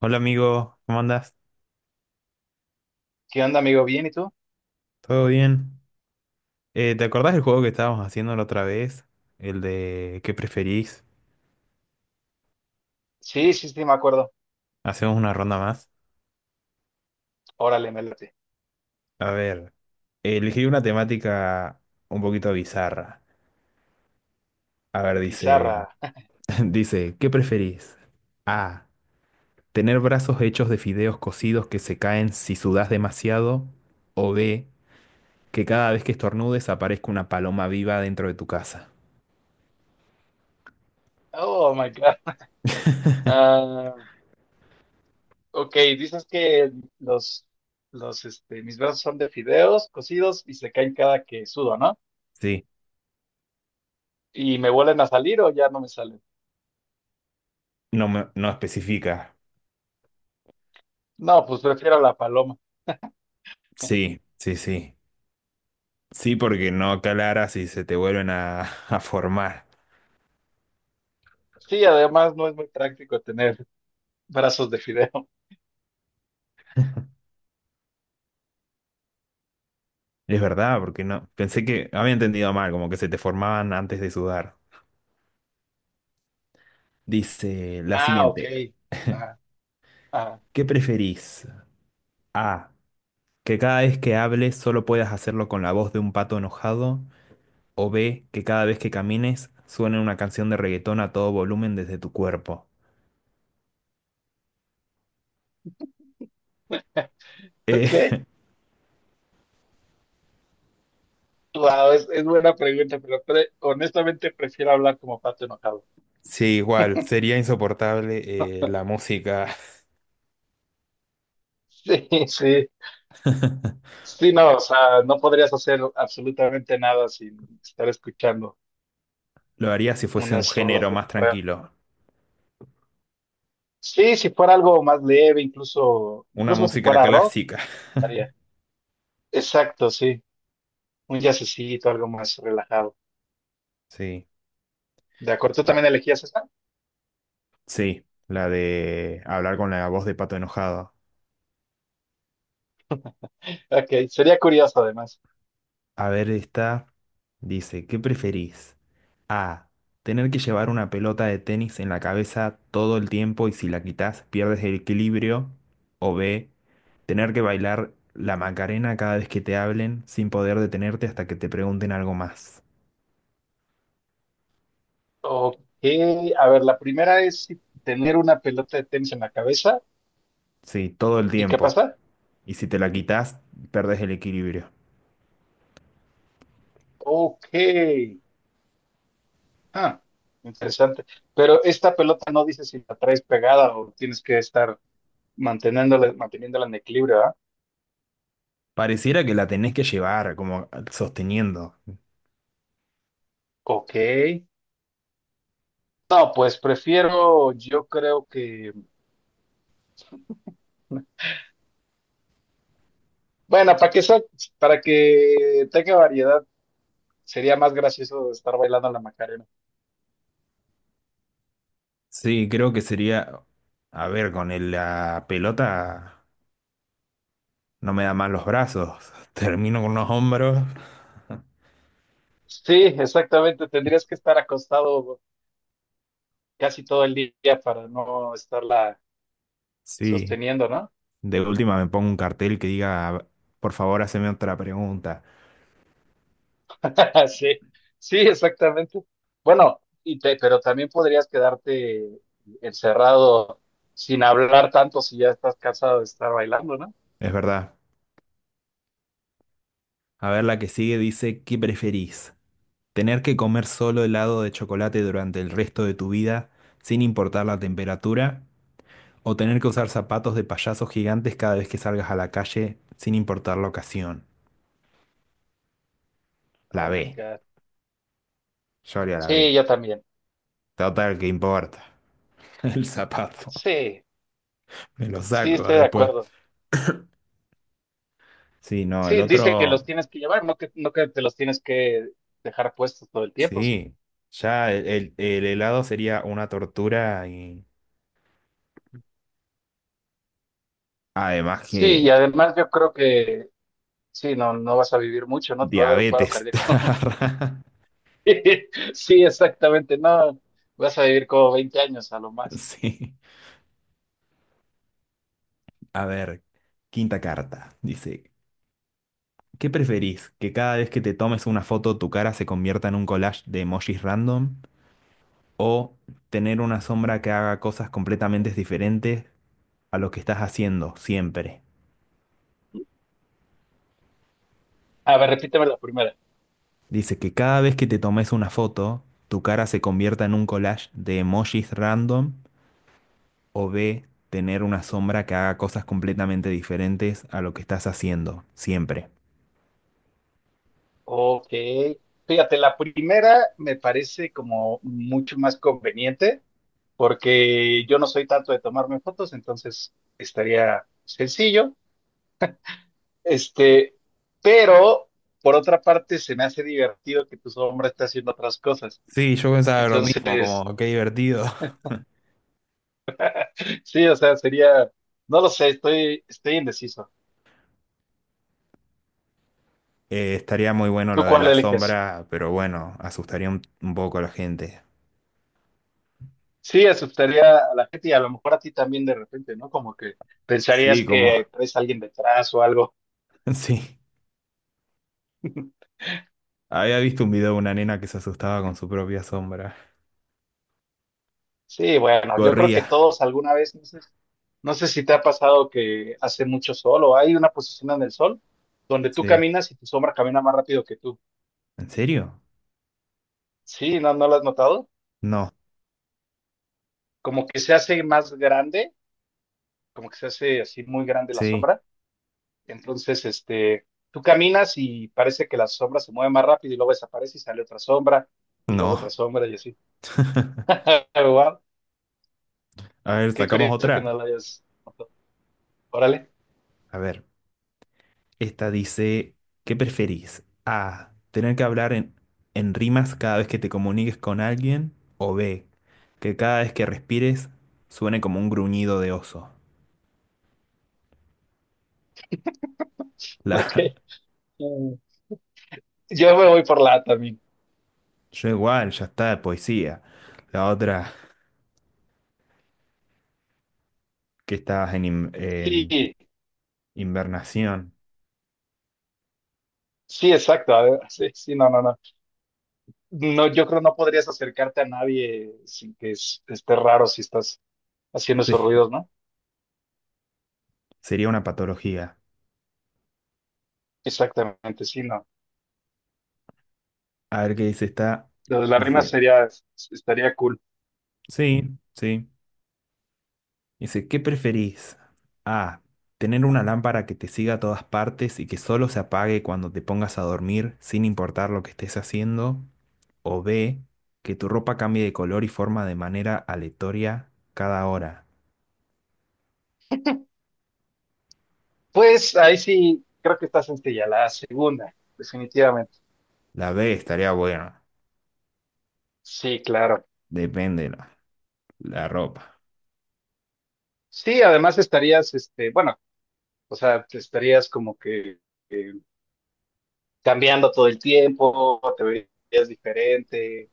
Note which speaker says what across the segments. Speaker 1: Hola amigo, ¿cómo andás?
Speaker 2: ¿Qué onda, amigo? ¿Bien y tú?
Speaker 1: ¿Todo bien? ¿Te acordás del juego que estábamos haciendo la otra vez? El de ¿qué preferís?
Speaker 2: Sí, sí, sí, me acuerdo.
Speaker 1: Hacemos una ronda más.
Speaker 2: Órale, me late.
Speaker 1: A ver, elegí una temática un poquito bizarra. A ver, dice,
Speaker 2: Bizarra.
Speaker 1: dice, ¿qué preferís? A, tener brazos hechos de fideos cocidos que se caen si sudás demasiado, o B, que cada vez que estornudes aparezca una paloma viva dentro de tu casa.
Speaker 2: Oh my God. Ah, ok, dices que los, los, mis brazos son de fideos cocidos y se caen cada que sudo, ¿no?
Speaker 1: Sí,
Speaker 2: ¿Y me vuelven a salir o ya no me salen?
Speaker 1: no especifica.
Speaker 2: No, pues prefiero la paloma.
Speaker 1: Sí, sí, sí. Sí, porque no calaras y se te vuelven a, a formar.
Speaker 2: Sí, además no es muy práctico tener brazos de fideo.
Speaker 1: Es verdad, porque no. Pensé que había entendido mal, como que se te formaban antes de sudar. Dice la
Speaker 2: Ah, ok.
Speaker 1: siguiente.
Speaker 2: Ajá, ajá.
Speaker 1: ¿Qué preferís? A. Que cada vez que hables solo puedas hacerlo con la voz de un pato enojado. O B. Que cada vez que camines suene una canción de reggaetón a todo volumen desde tu cuerpo. Eh,
Speaker 2: Ok. Wow, es buena pregunta, pero honestamente prefiero hablar como pato enojado.
Speaker 1: sí, igual. Sería insoportable la música.
Speaker 2: Sí, sí. Sí, no, o sea, no podrías hacer absolutamente nada sin estar escuchando
Speaker 1: Lo haría si fuese un
Speaker 2: unas rolas
Speaker 1: género
Speaker 2: de
Speaker 1: más
Speaker 2: correo.
Speaker 1: tranquilo.
Speaker 2: Sí, si fuera algo más leve, incluso,
Speaker 1: Una
Speaker 2: incluso si
Speaker 1: música
Speaker 2: fuera rock,
Speaker 1: clásica.
Speaker 2: estaría. Exacto, sí. Un jazzcito, algo más relajado.
Speaker 1: Sí.
Speaker 2: De acuerdo, ¿tú
Speaker 1: Ah,
Speaker 2: también elegías esa?
Speaker 1: sí, la de hablar con la voz de pato enojado.
Speaker 2: Ok, sería curioso además.
Speaker 1: A ver, esta dice, ¿qué preferís? A, tener que llevar una pelota de tenis en la cabeza todo el tiempo y si la quitas pierdes el equilibrio. O B, tener que bailar la Macarena cada vez que te hablen sin poder detenerte hasta que te pregunten algo más.
Speaker 2: Ok, a ver, la primera es si tener una pelota de tenis en la cabeza.
Speaker 1: Sí, todo el
Speaker 2: ¿Y qué
Speaker 1: tiempo.
Speaker 2: pasa?
Speaker 1: Y si te la quitas, perdes el equilibrio.
Speaker 2: Ok. Ah, interesante. Pero esta pelota no dice si la traes pegada o tienes que estar manteniéndola en equilibrio, ¿verdad?
Speaker 1: Pareciera que la tenés que llevar como sosteniendo.
Speaker 2: Ok. No, pues prefiero, yo creo que, bueno, para que tenga variedad, sería más gracioso estar bailando la Macarena.
Speaker 1: Sí, creo que sería, a ver, la pelota no me da mal los brazos, termino con unos hombros.
Speaker 2: Sí, exactamente, tendrías que estar acostado casi todo el día para no estarla
Speaker 1: Sí,
Speaker 2: sosteniendo, ¿no?
Speaker 1: de última me pongo un cartel que diga, por favor, haceme otra pregunta.
Speaker 2: Sí, sí, exactamente. Bueno, pero también podrías quedarte encerrado sin hablar tanto si ya estás cansado de estar bailando, ¿no?
Speaker 1: Es verdad. A ver, la que sigue dice, ¿qué preferís? ¿Tener que comer solo helado de chocolate durante el resto de tu vida, sin importar la temperatura? ¿O tener que usar zapatos de payasos gigantes cada vez que salgas a la calle, sin importar la ocasión? La
Speaker 2: Oh my
Speaker 1: B.
Speaker 2: God.
Speaker 1: Yo haría la
Speaker 2: Sí,
Speaker 1: B.
Speaker 2: yo también.
Speaker 1: Total, que importa. El zapato.
Speaker 2: Sí,
Speaker 1: Me lo
Speaker 2: sí,
Speaker 1: saco
Speaker 2: estoy de
Speaker 1: después.
Speaker 2: acuerdo.
Speaker 1: Sí, no, el
Speaker 2: Sí, dice que los
Speaker 1: otro.
Speaker 2: tienes que llevar, no que te los tienes que dejar puestos todo el tiempo, sí.
Speaker 1: Sí. Ya el helado sería una tortura y. Además
Speaker 2: Sí, y
Speaker 1: que.
Speaker 2: además yo creo que sí, no, no vas a vivir mucho, ¿no? Te va a dar un paro
Speaker 1: Diabetes.
Speaker 2: cardíaco. Sí, exactamente, no. Vas a vivir como 20 años a lo más.
Speaker 1: Sí. A ver. Quinta carta. Dice: ¿Qué preferís? ¿Que cada vez que te tomes una foto tu cara se convierta en un collage de emojis random? ¿O tener una sombra que haga cosas completamente diferentes a lo que estás haciendo siempre?
Speaker 2: A ver, repíteme la primera.
Speaker 1: Dice que cada vez que te tomes una foto, tu cara se convierta en un collage de emojis random o B, tener una sombra que haga cosas completamente diferentes a lo que estás haciendo, siempre.
Speaker 2: Ok. Fíjate, la primera me parece como mucho más conveniente porque yo no soy tanto de tomarme fotos, entonces estaría sencillo. Este, pero por otra parte se me hace divertido que tu sombra está haciendo otras cosas.
Speaker 1: Sí, yo pensaba lo mismo,
Speaker 2: Entonces,
Speaker 1: como qué divertido.
Speaker 2: sí, o sea, sería, no lo sé, estoy indeciso.
Speaker 1: Estaría muy bueno
Speaker 2: ¿Tú
Speaker 1: lo de
Speaker 2: cuál
Speaker 1: la
Speaker 2: eliges?
Speaker 1: sombra, pero bueno, asustaría un poco a la gente.
Speaker 2: Sí, asustaría a la gente y a lo mejor a ti también de repente, ¿no? Como que
Speaker 1: Sí,
Speaker 2: pensarías
Speaker 1: como...
Speaker 2: que traes a alguien detrás o algo.
Speaker 1: Sí. Había visto un video de una nena que se asustaba con su propia sombra.
Speaker 2: Sí, bueno, yo creo
Speaker 1: Corría.
Speaker 2: que todos alguna vez, no sé, no sé si te ha pasado que hace mucho sol o hay una posición en el sol donde tú
Speaker 1: Sí.
Speaker 2: caminas y tu sombra camina más rápido que tú.
Speaker 1: ¿En serio?
Speaker 2: Sí, ¿no, no lo has notado?
Speaker 1: No.
Speaker 2: Como que se hace más grande, como que se hace así muy grande la
Speaker 1: Sí.
Speaker 2: sombra. Entonces, tú caminas y parece que la sombra se mueve más rápido y luego desaparece y sale otra sombra y luego otra
Speaker 1: No.
Speaker 2: sombra y así. Wow,
Speaker 1: A ver,
Speaker 2: qué
Speaker 1: sacamos
Speaker 2: curioso que
Speaker 1: otra.
Speaker 2: no la hayas notado. Órale,
Speaker 1: A ver, esta dice, ¿qué preferís? A, tener que hablar en rimas cada vez que te comuniques con alguien, o B, que cada vez que respires suene como un gruñido de oso.
Speaker 2: ok.
Speaker 1: La,
Speaker 2: Mm, yo me voy por la A también.
Speaker 1: yo igual, ya está, poesía. La otra, que estabas en
Speaker 2: Sí,
Speaker 1: invernación.
Speaker 2: sí, exacto. A ver, sí, sí, no, no, no. No, yo creo no podrías acercarte a nadie sin que esté raro si estás haciendo esos
Speaker 1: Sí,
Speaker 2: ruidos, ¿no?
Speaker 1: sería una patología.
Speaker 2: Exactamente, sí, no.
Speaker 1: A ver qué dice esta.
Speaker 2: Lo de la rima
Speaker 1: Dice,
Speaker 2: sería, estaría cool.
Speaker 1: sí, sí. Dice, ¿qué preferís? A. Tener una lámpara que te siga a todas partes y que solo se apague cuando te pongas a dormir, sin importar lo que estés haciendo. O B. Que tu ropa cambie de color y forma de manera aleatoria cada hora.
Speaker 2: Pues ahí sí, creo que está sencilla, la segunda, definitivamente.
Speaker 1: La B estaría buena.
Speaker 2: Sí, claro.
Speaker 1: Depende la ropa.
Speaker 2: Sí, además estarías, bueno, o sea, te estarías como que eh, cambiando todo el tiempo, te verías diferente.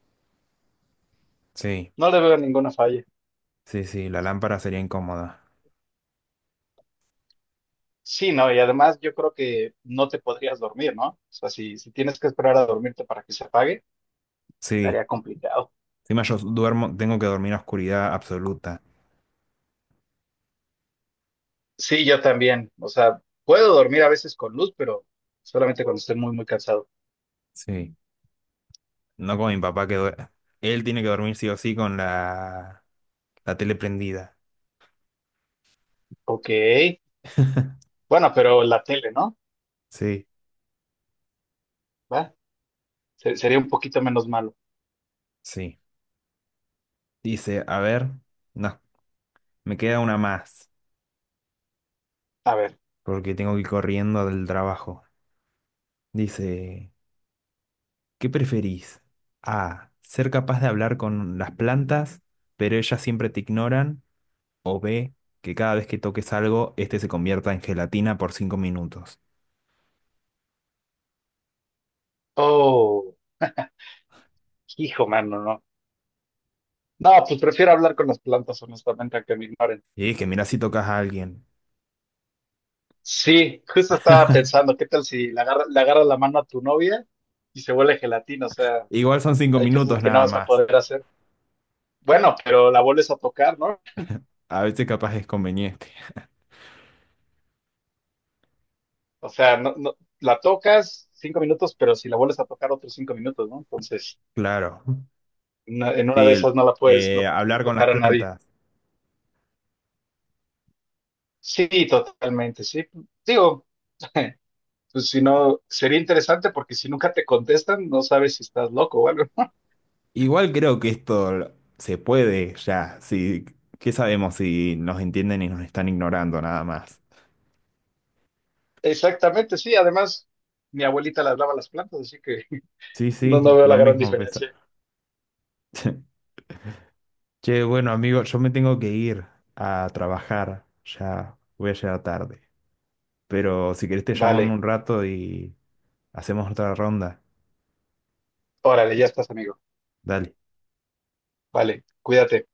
Speaker 1: Sí,
Speaker 2: No le veo ninguna falla.
Speaker 1: sí, sí, la lámpara sería incómoda.
Speaker 2: Sí, no, y además yo creo que no te podrías dormir, ¿no? O sea, si tienes que esperar a dormirte para que se apague,
Speaker 1: Sí,
Speaker 2: estaría complicado.
Speaker 1: encima yo duermo, tengo que dormir en oscuridad absoluta.
Speaker 2: Sí, yo también. O sea, puedo dormir a veces con luz, pero solamente cuando estoy muy, muy cansado.
Speaker 1: Sí, no como mi papá que duerme. Él tiene que dormir sí o sí con la La tele prendida.
Speaker 2: Ok. Bueno, pero la tele, ¿no?
Speaker 1: Sí,
Speaker 2: ¿Va? Sería un poquito menos malo.
Speaker 1: sí. Dice, a ver, no, me queda una más,
Speaker 2: A ver.
Speaker 1: porque tengo que ir corriendo del trabajo. Dice, ¿qué preferís? A, ser capaz de hablar con las plantas, pero ellas siempre te ignoran, o B, que cada vez que toques algo, este se convierta en gelatina por 5 minutos.
Speaker 2: Oh, hijo, mano, no. No, pues prefiero hablar con las plantas, honestamente, a que me ignoren.
Speaker 1: Y es que mirá si tocas a alguien.
Speaker 2: Sí, justo estaba pensando, ¿qué tal si le agarras la mano a tu novia y se vuelve gelatina? O sea,
Speaker 1: Igual son cinco
Speaker 2: hay cosas
Speaker 1: minutos
Speaker 2: que no
Speaker 1: nada
Speaker 2: vas a
Speaker 1: más.
Speaker 2: poder hacer. Bueno, pero la vuelves a tocar, ¿no?
Speaker 1: A veces capaz es conveniente.
Speaker 2: O sea, no, no, la tocas 5 minutos, pero si la vuelves a tocar otros 5 minutos, ¿no? Entonces,
Speaker 1: Claro.
Speaker 2: en una de
Speaker 1: Sí,
Speaker 2: esas no la puedes, no puedes
Speaker 1: hablar con las
Speaker 2: tocar a nadie.
Speaker 1: plantas.
Speaker 2: Sí, totalmente, sí. Digo, pues si no, sería interesante porque si nunca te contestan, no sabes si estás loco o algo.
Speaker 1: Igual creo que esto se puede ya, si ¿Qué sabemos si nos entienden y nos están ignorando nada más?
Speaker 2: Exactamente, sí. Además, mi abuelita las lava las plantas, así que
Speaker 1: Sí,
Speaker 2: no, no
Speaker 1: sí,
Speaker 2: veo la
Speaker 1: lo
Speaker 2: gran
Speaker 1: mismo pesa.
Speaker 2: diferencia.
Speaker 1: Che, bueno, amigo, yo me tengo que ir a trabajar, ya voy a llegar tarde. Pero si querés te llamo en
Speaker 2: Vale,
Speaker 1: un rato y hacemos otra ronda.
Speaker 2: órale, ya estás, amigo.
Speaker 1: Dale.
Speaker 2: Vale, cuídate.